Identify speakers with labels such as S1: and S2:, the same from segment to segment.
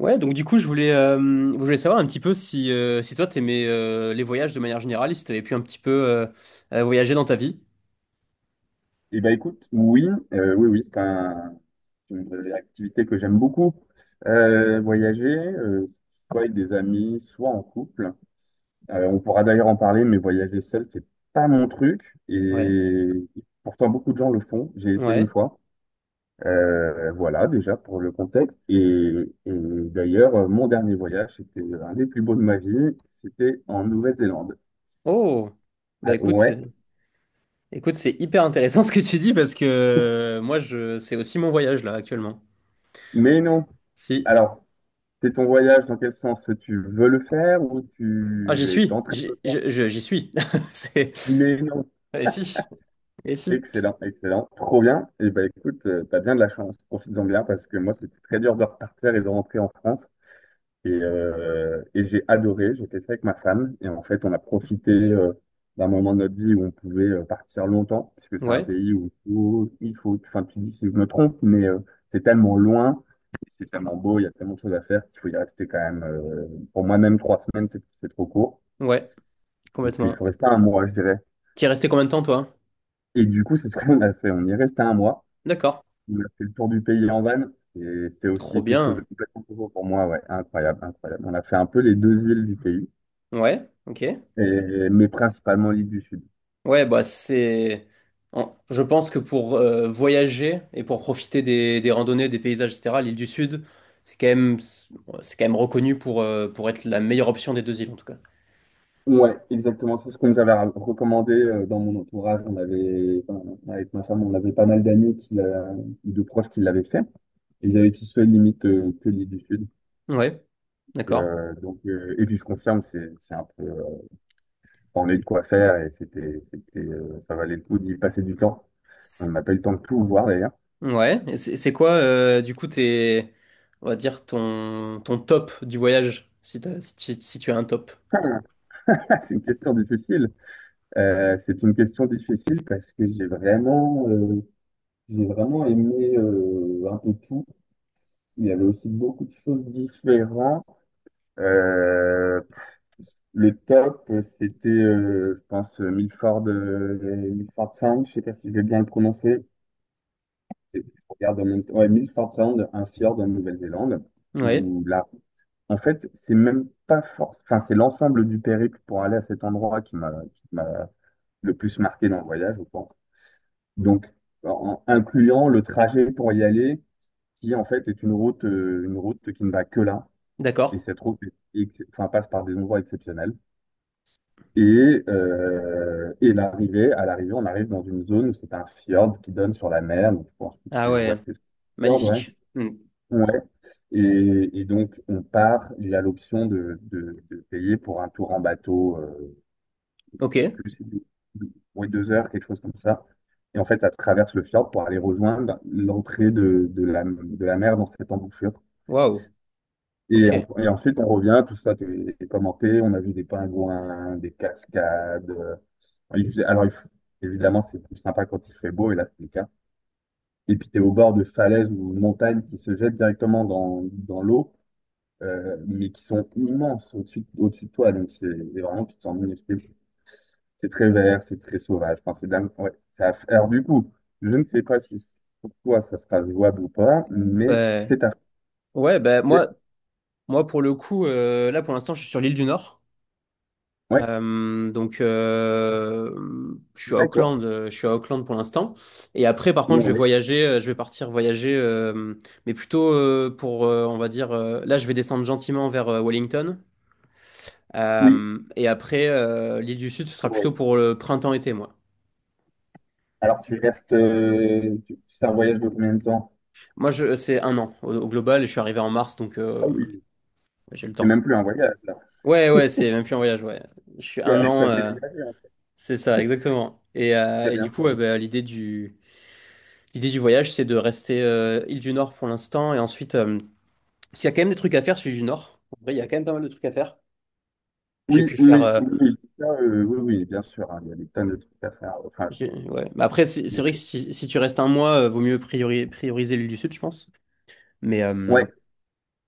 S1: Ouais, donc du coup, je voulais savoir un petit peu si, si toi, t'aimais les voyages de manière générale, et si t'avais pu un petit peu voyager dans ta vie.
S2: Eh ben écoute, oui, oui, oui, c'est une activité que j'aime beaucoup. Voyager, soit avec des amis, soit en couple. On pourra d'ailleurs en parler, mais voyager seul, c'est pas mon truc.
S1: Ouais,
S2: Et pourtant, beaucoup de gens le font. J'ai essayé une
S1: ouais.
S2: fois. Voilà, déjà pour le contexte. Et d'ailleurs, mon dernier voyage, c'était un des plus beaux de ma vie. C'était en Nouvelle-Zélande.
S1: Oh, bah
S2: Ah,
S1: écoute,
S2: ouais,
S1: écoute, c'est hyper intéressant ce que tu dis parce que moi, je, c'est aussi mon voyage là actuellement.
S2: mais non.
S1: Si.
S2: Alors, c'est ton voyage, dans quel sens tu veux le faire ou
S1: Ah, j'y
S2: tu es en
S1: suis,
S2: train de le faire?
S1: j'y suis. C'est...
S2: Mais non.
S1: Et si, et si.
S2: Excellent, excellent, trop bien. Et ben écoute, t'as bien de la chance, profites-en bien parce que moi c'était très dur de repartir et de rentrer en France. Et j'ai adoré, j'ai fait ça avec ma femme. Et en fait, on a profité d'un moment de notre vie où on pouvait partir longtemps, parce que c'est un
S1: Ouais,
S2: pays où enfin tu dis si je me trompe, mais c'est tellement loin, c'est tellement beau, il y a tellement de choses à faire qu'il faut y rester quand même. Pour moi-même, trois semaines, c'est trop court.
S1: ouais,
S2: Donc il
S1: complètement.
S2: faut rester un mois, je dirais.
S1: T'y es resté combien de temps, toi?
S2: Et du coup, c'est ce qu'on a fait. On y est resté un mois.
S1: D'accord.
S2: On a fait le tour du pays en van. Et c'était
S1: Trop
S2: aussi quelque chose de
S1: bien.
S2: complètement nouveau pour moi. Ouais, incroyable, incroyable. On a fait un peu les deux îles du pays,
S1: Ouais, ok.
S2: et, mais principalement l'île du Sud.
S1: Ouais, bah c'est. Je pense que pour voyager et pour profiter des randonnées, des paysages, etc., l'île du Sud, c'est quand même, c'est quand même reconnu pour être la meilleure option des deux îles, en tout cas.
S2: Ouais, exactement. C'est ce qu'on nous avait recommandé dans mon entourage. On avait, enfin, avec ma femme, on avait pas mal de proches qui l'avaient fait. Et j'avais avaient tous fait limite que l'île du Sud.
S1: Ouais, d'accord.
S2: Et puis je confirme, c'est un peu on a eu de quoi faire et ça valait le coup d'y passer du temps. On
S1: C'est-
S2: n'a pas eu le temps de tout voir d'ailleurs.
S1: Ouais, et c'est quoi, du coup, tes, on va dire, ton, ton top du voyage, si t'as- si tu, si tu as un top.
S2: C'est une question difficile. C'est une question difficile parce que j'ai vraiment aimé un peu tout. Il y avait aussi beaucoup de choses différentes. Euh, le top, c'était, je pense, Milford Sound. Je sais pas si je vais bien le prononcer. Et puis, je regarde en même temps. Ouais, Milford Sound, un fjord en Nouvelle-Zélande,
S1: Ouais,
S2: où là, en fait, c'est même pas force. Enfin, c'est l'ensemble du périple pour aller à cet endroit qui m'a le plus marqué dans le voyage, je pense. Donc, en incluant le trajet pour y aller, qui en fait est une route qui ne va que là. Et
S1: d'accord.
S2: cette route enfin, passe par des endroits exceptionnels. Et à l'arrivée, on arrive dans une zone où c'est un fjord qui donne sur la mer. Donc, je pense que
S1: Ah
S2: tu
S1: ouais,
S2: vois ce que c'est. Fjord ouais.
S1: magnifique. Hmm.
S2: Ouais. Et donc, il a l'option de payer pour un tour en bateau,
S1: Ok,
S2: je sais plus, ouais, deux heures, quelque chose comme ça. Et en fait, ça traverse le fjord pour aller rejoindre l'entrée de la mer dans cette embouchure.
S1: waouh, ok.
S2: Et ensuite, on revient, tout ça est commenté, on a vu des pingouins, des cascades. Il faisait- Alors, il f- Évidemment, c'est plus sympa quand il fait beau, et là, c'est le cas. Et puis, tu es au bord de falaises ou montagnes qui se jettent directement dans l'eau. Mais qui sont immenses au-dessus de toi. Donc, c'est vraiment, tu te sens minuscule. C'est très vert, c'est très sauvage. Enfin, c'est dingue. Ouais, ça, du coup, je ne sais pas si c- pour toi ça sera jouable ou pas, mais
S1: Bah, ouais, bah
S2: c'est-
S1: moi. Moi, pour le coup, là, pour l'instant, je suis sur l'île du Nord.
S2: Ouais,
S1: Euh, donc, euh, je suis à
S2: d'accord.
S1: Auckland, je suis à Auckland pour l'instant. Et après, par contre, je vais
S2: Ouais.
S1: voyager, je vais partir voyager, mais plutôt pour, on va dire, là, je vais descendre gentiment vers Wellington.
S2: Oui,
S1: Et après, l'île du Sud, ce sera
S2: oui.
S1: plutôt pour le printemps-été, moi.
S2: Alors, C'est un voyage de combien de temps?
S1: Moi, je, c'est un an au, au global, et je suis arrivé en mars, donc
S2: Ah oui,
S1: j'ai le
S2: c'est
S1: temps.
S2: même plus un voyage, là.
S1: Ouais, ouais, c'est même plus un voyage, ouais. Je suis un
S2: T'as
S1: an.
S2: t'as déménagé, hein.
S1: C'est ça, exactement.
S2: Très
S1: Et
S2: bien,
S1: du coup,
S2: très
S1: ouais,
S2: bien.
S1: bah, l'idée du voyage, c'est de rester île du Nord pour l'instant. Et ensuite, s'il y a quand même des trucs à faire sur l'île du Nord, en vrai, il y a quand même pas mal de trucs à faire. J'ai
S2: Oui,
S1: pu
S2: oui,
S1: faire.
S2: oui, oui, oui, ça, oui, oui, bien sûr, hein, il y a des tonnes de trucs à faire. Enfin,
S1: Ouais. Mais après, c'est
S2: des
S1: vrai que
S2: trucs.
S1: si, si tu restes un mois, vaut mieux prioriser l'île du Sud, je pense. Mais
S2: Ouais.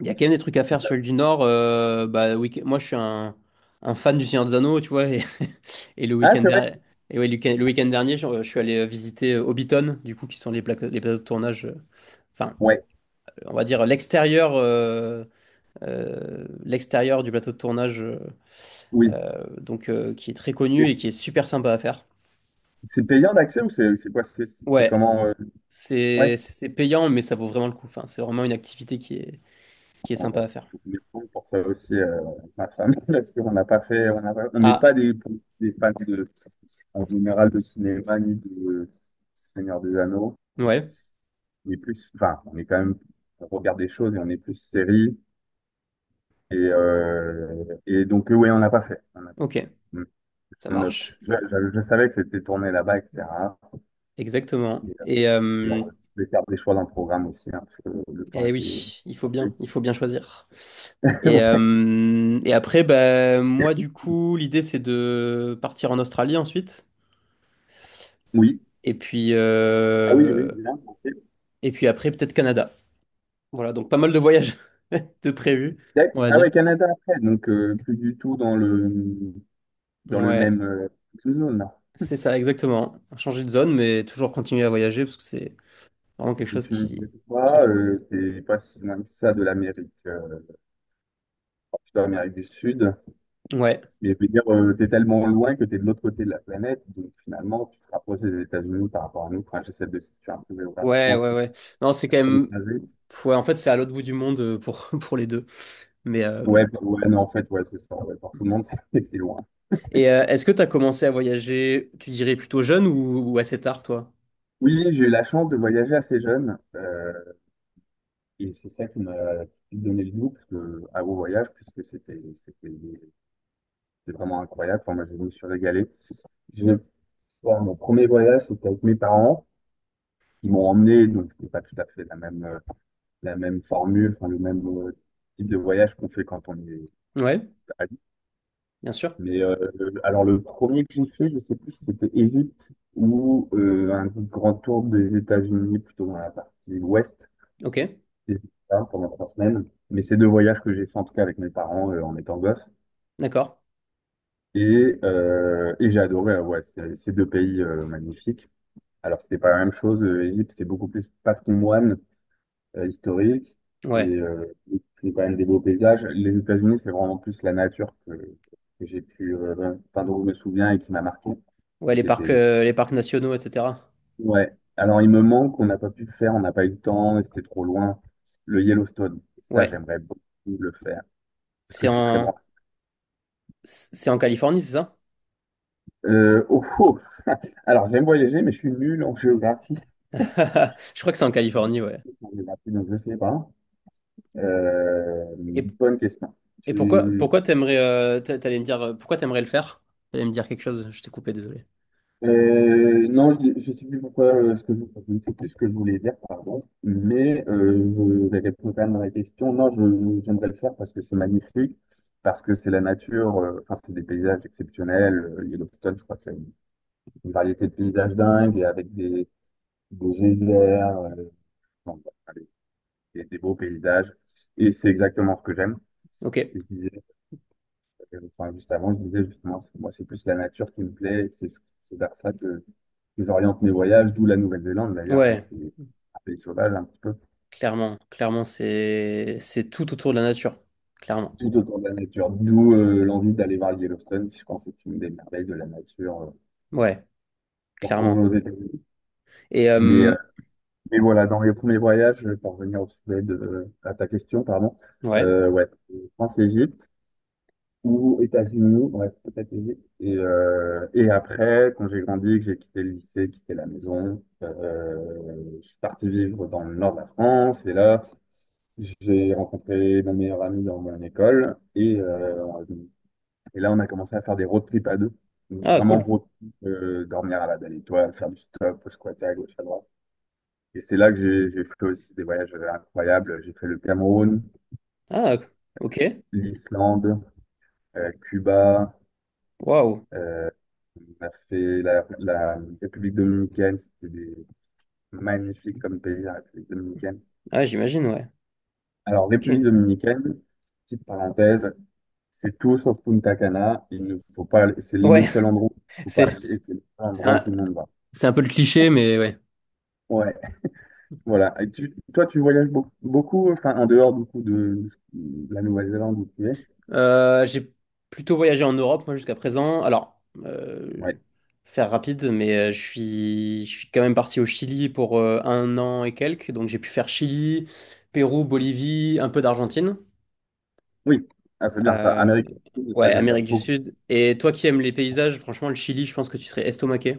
S1: il y a quand même des trucs à faire sur l'île du Nord. Moi, je suis un fan du Seigneur des Anneaux, tu vois. Et le
S2: Ah,
S1: week-end
S2: c'est vrai?
S1: dernier, et ouais, le week-end dernier, je suis allé visiter Hobbiton, du coup, qui sont les plateaux de tournage. Enfin,
S2: Ouais.
S1: on va dire l'extérieur l'extérieur du plateau de tournage
S2: Oui.
S1: donc qui est très
S2: Et
S1: connu et qui est super sympa à faire.
S2: c'est payant l'accès ou c'est quoi? C'est
S1: Ouais,
S2: comment? Ouais.
S1: c'est payant mais ça vaut vraiment le coup. Enfin, c'est vraiment une activité qui est
S2: Ouais,
S1: sympa
S2: ouais.
S1: à faire.
S2: Je voulais pour ça aussi ma femme parce qu'on n'a pas fait, on n'a pas- on n'est
S1: Ah,
S2: pas des, des fans de, en général de cinéma ni de Seigneur des Anneaux.
S1: ouais.
S2: On est plus, enfin, on est quand même, on regarde des choses et on est plus série. Et donc, oui, on n'a pas fait.
S1: OK, ça
S2: Je note.
S1: marche.
S2: Je savais que c'était tourné là-bas, etc.
S1: Exactement.
S2: Et, euh,
S1: Et
S2: et on devait faire des choix dans le programme aussi, hein, parce que le temps
S1: eh
S2: était.
S1: oui, il faut bien choisir. Et après, bah, moi, du coup, l'idée, c'est de partir en Australie ensuite.
S2: Oui.
S1: Et puis,
S2: Ah oui, oui,
S1: euh,
S2: bien, ok.
S1: et puis après, peut-être Canada. Voilà, donc pas mal de voyages de prévus, on va
S2: Ah
S1: dire.
S2: ouais, Canada après, donc plus du tout dans le
S1: Ouais,
S2: même zone là.
S1: c'est ça, exactement. Changer de zone, mais toujours continuer à voyager parce que c'est vraiment quelque
S2: Et
S1: chose
S2: tu me disais quoi,
S1: qui...
S2: c'est pas si loin que ça de l'Amérique du Sud.
S1: Ouais,
S2: Mais je veux dire, t'es tellement loin que t'es de l'autre côté de la planète, donc finalement tu te rapproches des États-Unis par rapport à nous. Enfin, j'essaie de situer un peu
S1: ouais,
S2: géographiquement ce
S1: ouais,
S2: que c'est
S1: ouais. Non, c'est quand
S2: comme
S1: même...
S2: trajet.
S1: Ouais, en fait, c'est à l'autre bout du monde pour, pour les deux. Mais,
S2: Ouais, bah, ouais, non, en fait, ouais, c'est ça. Ouais, pour tout le monde, c'est loin.
S1: Et est-ce que tu as commencé à voyager, tu dirais plutôt jeune ou assez tard, toi?
S2: Oui, j'ai eu la chance de voyager assez jeune. Et c'est ça qui m'a donné le goût parce que, à vos voyages, c'était vraiment incroyable. Enfin, moi, je me suis régalé. J'ai- bon, mon premier voyage, c'était avec mes parents. Ils m'ont emmené, donc c'était pas tout à fait la même formule, enfin, le même type de voyage qu'on fait quand on est
S1: Ouais,
S2: adulte.
S1: bien sûr.
S2: Mais alors le premier que j'ai fait, je sais plus si c'était Égypte ou un grand tour des États-Unis, plutôt dans la partie ouest.
S1: Ok,
S2: Et j'ai fait ça pendant trois semaines. Mais c'est deux voyages que j'ai fait en tout cas avec mes parents en étant gosse.
S1: d'accord.
S2: Et j'ai adoré, ouais, ces deux pays magnifiques. Alors, c'était pas la même chose. L'Égypte, c'est beaucoup plus patrimoine historique et
S1: Ouais.
S2: c'est quand même des beaux paysages. Les États-Unis, c'est vraiment plus la nature que j'ai pu, enfin, dont je me souviens et qui m'a marqué.
S1: Ouais,
S2: Et qui était...
S1: les parcs nationaux, etc.
S2: Ouais. Alors, il me manque, on n'a pas pu le faire, on n'a pas eu le temps et c'était trop loin. Le Yellowstone, ça,
S1: Ouais.
S2: j'aimerais beaucoup le faire parce que
S1: C'est
S2: je suis très
S1: en,
S2: branché.
S1: c'est en Californie, c'est ça?
S2: Oh, oh. Alors, j'aime voyager, mais je suis nul en géographie.
S1: Je crois que c'est en Californie, ouais.
S2: Donc, je sais pas. Euh,
S1: Et,
S2: Bonne question.
S1: et pourquoi,
S2: Tu-
S1: pourquoi t'aimerais, t'allais me dire, pourquoi t'aimerais le faire? T'allais me dire quelque chose, je t'ai coupé, désolé.
S2: non, je sais plus pourquoi je ne sais plus ce que je voulais dire, pardon. Mais je vais répondre quand même à la question. Non, j'aimerais le faire parce que c'est magnifique, parce que c'est la nature. Enfin, c'est des paysages exceptionnels. Yellowstone, je crois qu'il y a une variété de paysages dingues et avec des geysers. Enfin, des beaux paysages. Et c'est exactement ce que j'aime.
S1: Ok,
S2: Et je disais, enfin, juste avant, je disais justement, moi, c'est plus la nature qui me plaît. C'est vers ça que j'oriente mes voyages, d'où la Nouvelle-Zélande d'ailleurs, hein.
S1: ouais,
S2: C'est un pays sauvage un petit peu,
S1: clairement, clairement, c'est tout autour de la nature, clairement.
S2: tout autour de la nature. D'où l'envie d'aller voir le Yellowstone, qui je pense est une des merveilles de la nature
S1: Ouais,
S2: qu'on retrouve
S1: clairement.
S2: aux États-Unis.
S1: Et,
S2: Mais, euh, mais voilà, dans les premiers voyages, pour revenir au sujet de, à ta question, pardon,
S1: ouais.
S2: ouais, France-Égypte ou États-Unis, ouais, et après, quand j'ai grandi, que j'ai quitté le lycée, quitté la maison, je suis parti vivre dans le nord de la France. Et là, j'ai rencontré mon meilleur ami dans mon école. Et là, on a commencé à faire des road trips à deux. Donc,
S1: Ah,
S2: vraiment
S1: cool.
S2: road trip, dormir à la belle étoile, faire du stop, squatter à gauche, à droite. Et c'est là que j'ai fait aussi des voyages incroyables. J'ai fait le Cameroun,
S1: Ah, ok.
S2: l'Islande, Cuba.
S1: Waouh.
S2: Euh, on a fait la République dominicaine, magnifique comme pays, la République dominicaine.
S1: Ah, j'imagine, ouais.
S2: Alors,
S1: Ok.
S2: République dominicaine, petite parenthèse, c'est tout sauf Punta Cana. Il ne faut pas, aller- C'est le
S1: Ouais,
S2: seul endroit où il faut pas
S1: c'est
S2: aller, et c'est le seul
S1: c'est
S2: endroit où
S1: un,
S2: tout le monde va.
S1: c'est un peu le cliché, mais ouais.
S2: Ouais, voilà. Et tu, toi, tu voyages beaucoup, beaucoup, enfin, en dehors du coup de la Nouvelle-Zélande où tu es.
S1: J'ai plutôt voyagé en Europe, moi, jusqu'à présent. Alors,
S2: Ouais.
S1: faire rapide, mais je suis quand même parti au Chili pour un an et quelques. Donc, j'ai pu faire Chili, Pérou, Bolivie, un peu d'Argentine.
S2: Oui, ah, c'est bien ça.
S1: Euh,
S2: Amérique latine, ça
S1: ouais,
S2: j'aimerais
S1: Amérique du
S2: beaucoup.
S1: Sud. Et toi qui aimes les paysages, franchement, le Chili, je pense que tu serais estomaqué.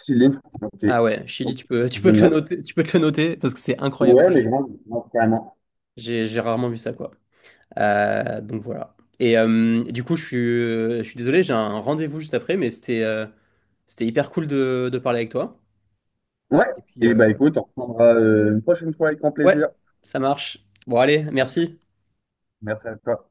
S2: Chili, ok.
S1: Ah ouais, Chili,
S2: Ok,
S1: tu peux, tu
S2: je
S1: peux te le
S2: note.
S1: noter, tu peux te le noter parce que c'est incroyable.
S2: Ouais,
S1: Moi,
S2: mais grave, grave, carrément.
S1: j'ai rarement vu ça, quoi. Donc voilà. Et du coup, je suis désolé, j'ai un rendez-vous juste après, mais c'était c'était hyper cool de parler avec toi.
S2: Ouais,
S1: Et puis,
S2: et bah écoute, on reprendra une prochaine fois avec grand
S1: ouais,
S2: plaisir.
S1: ça marche. Bon, allez, merci.
S2: Merci à toi.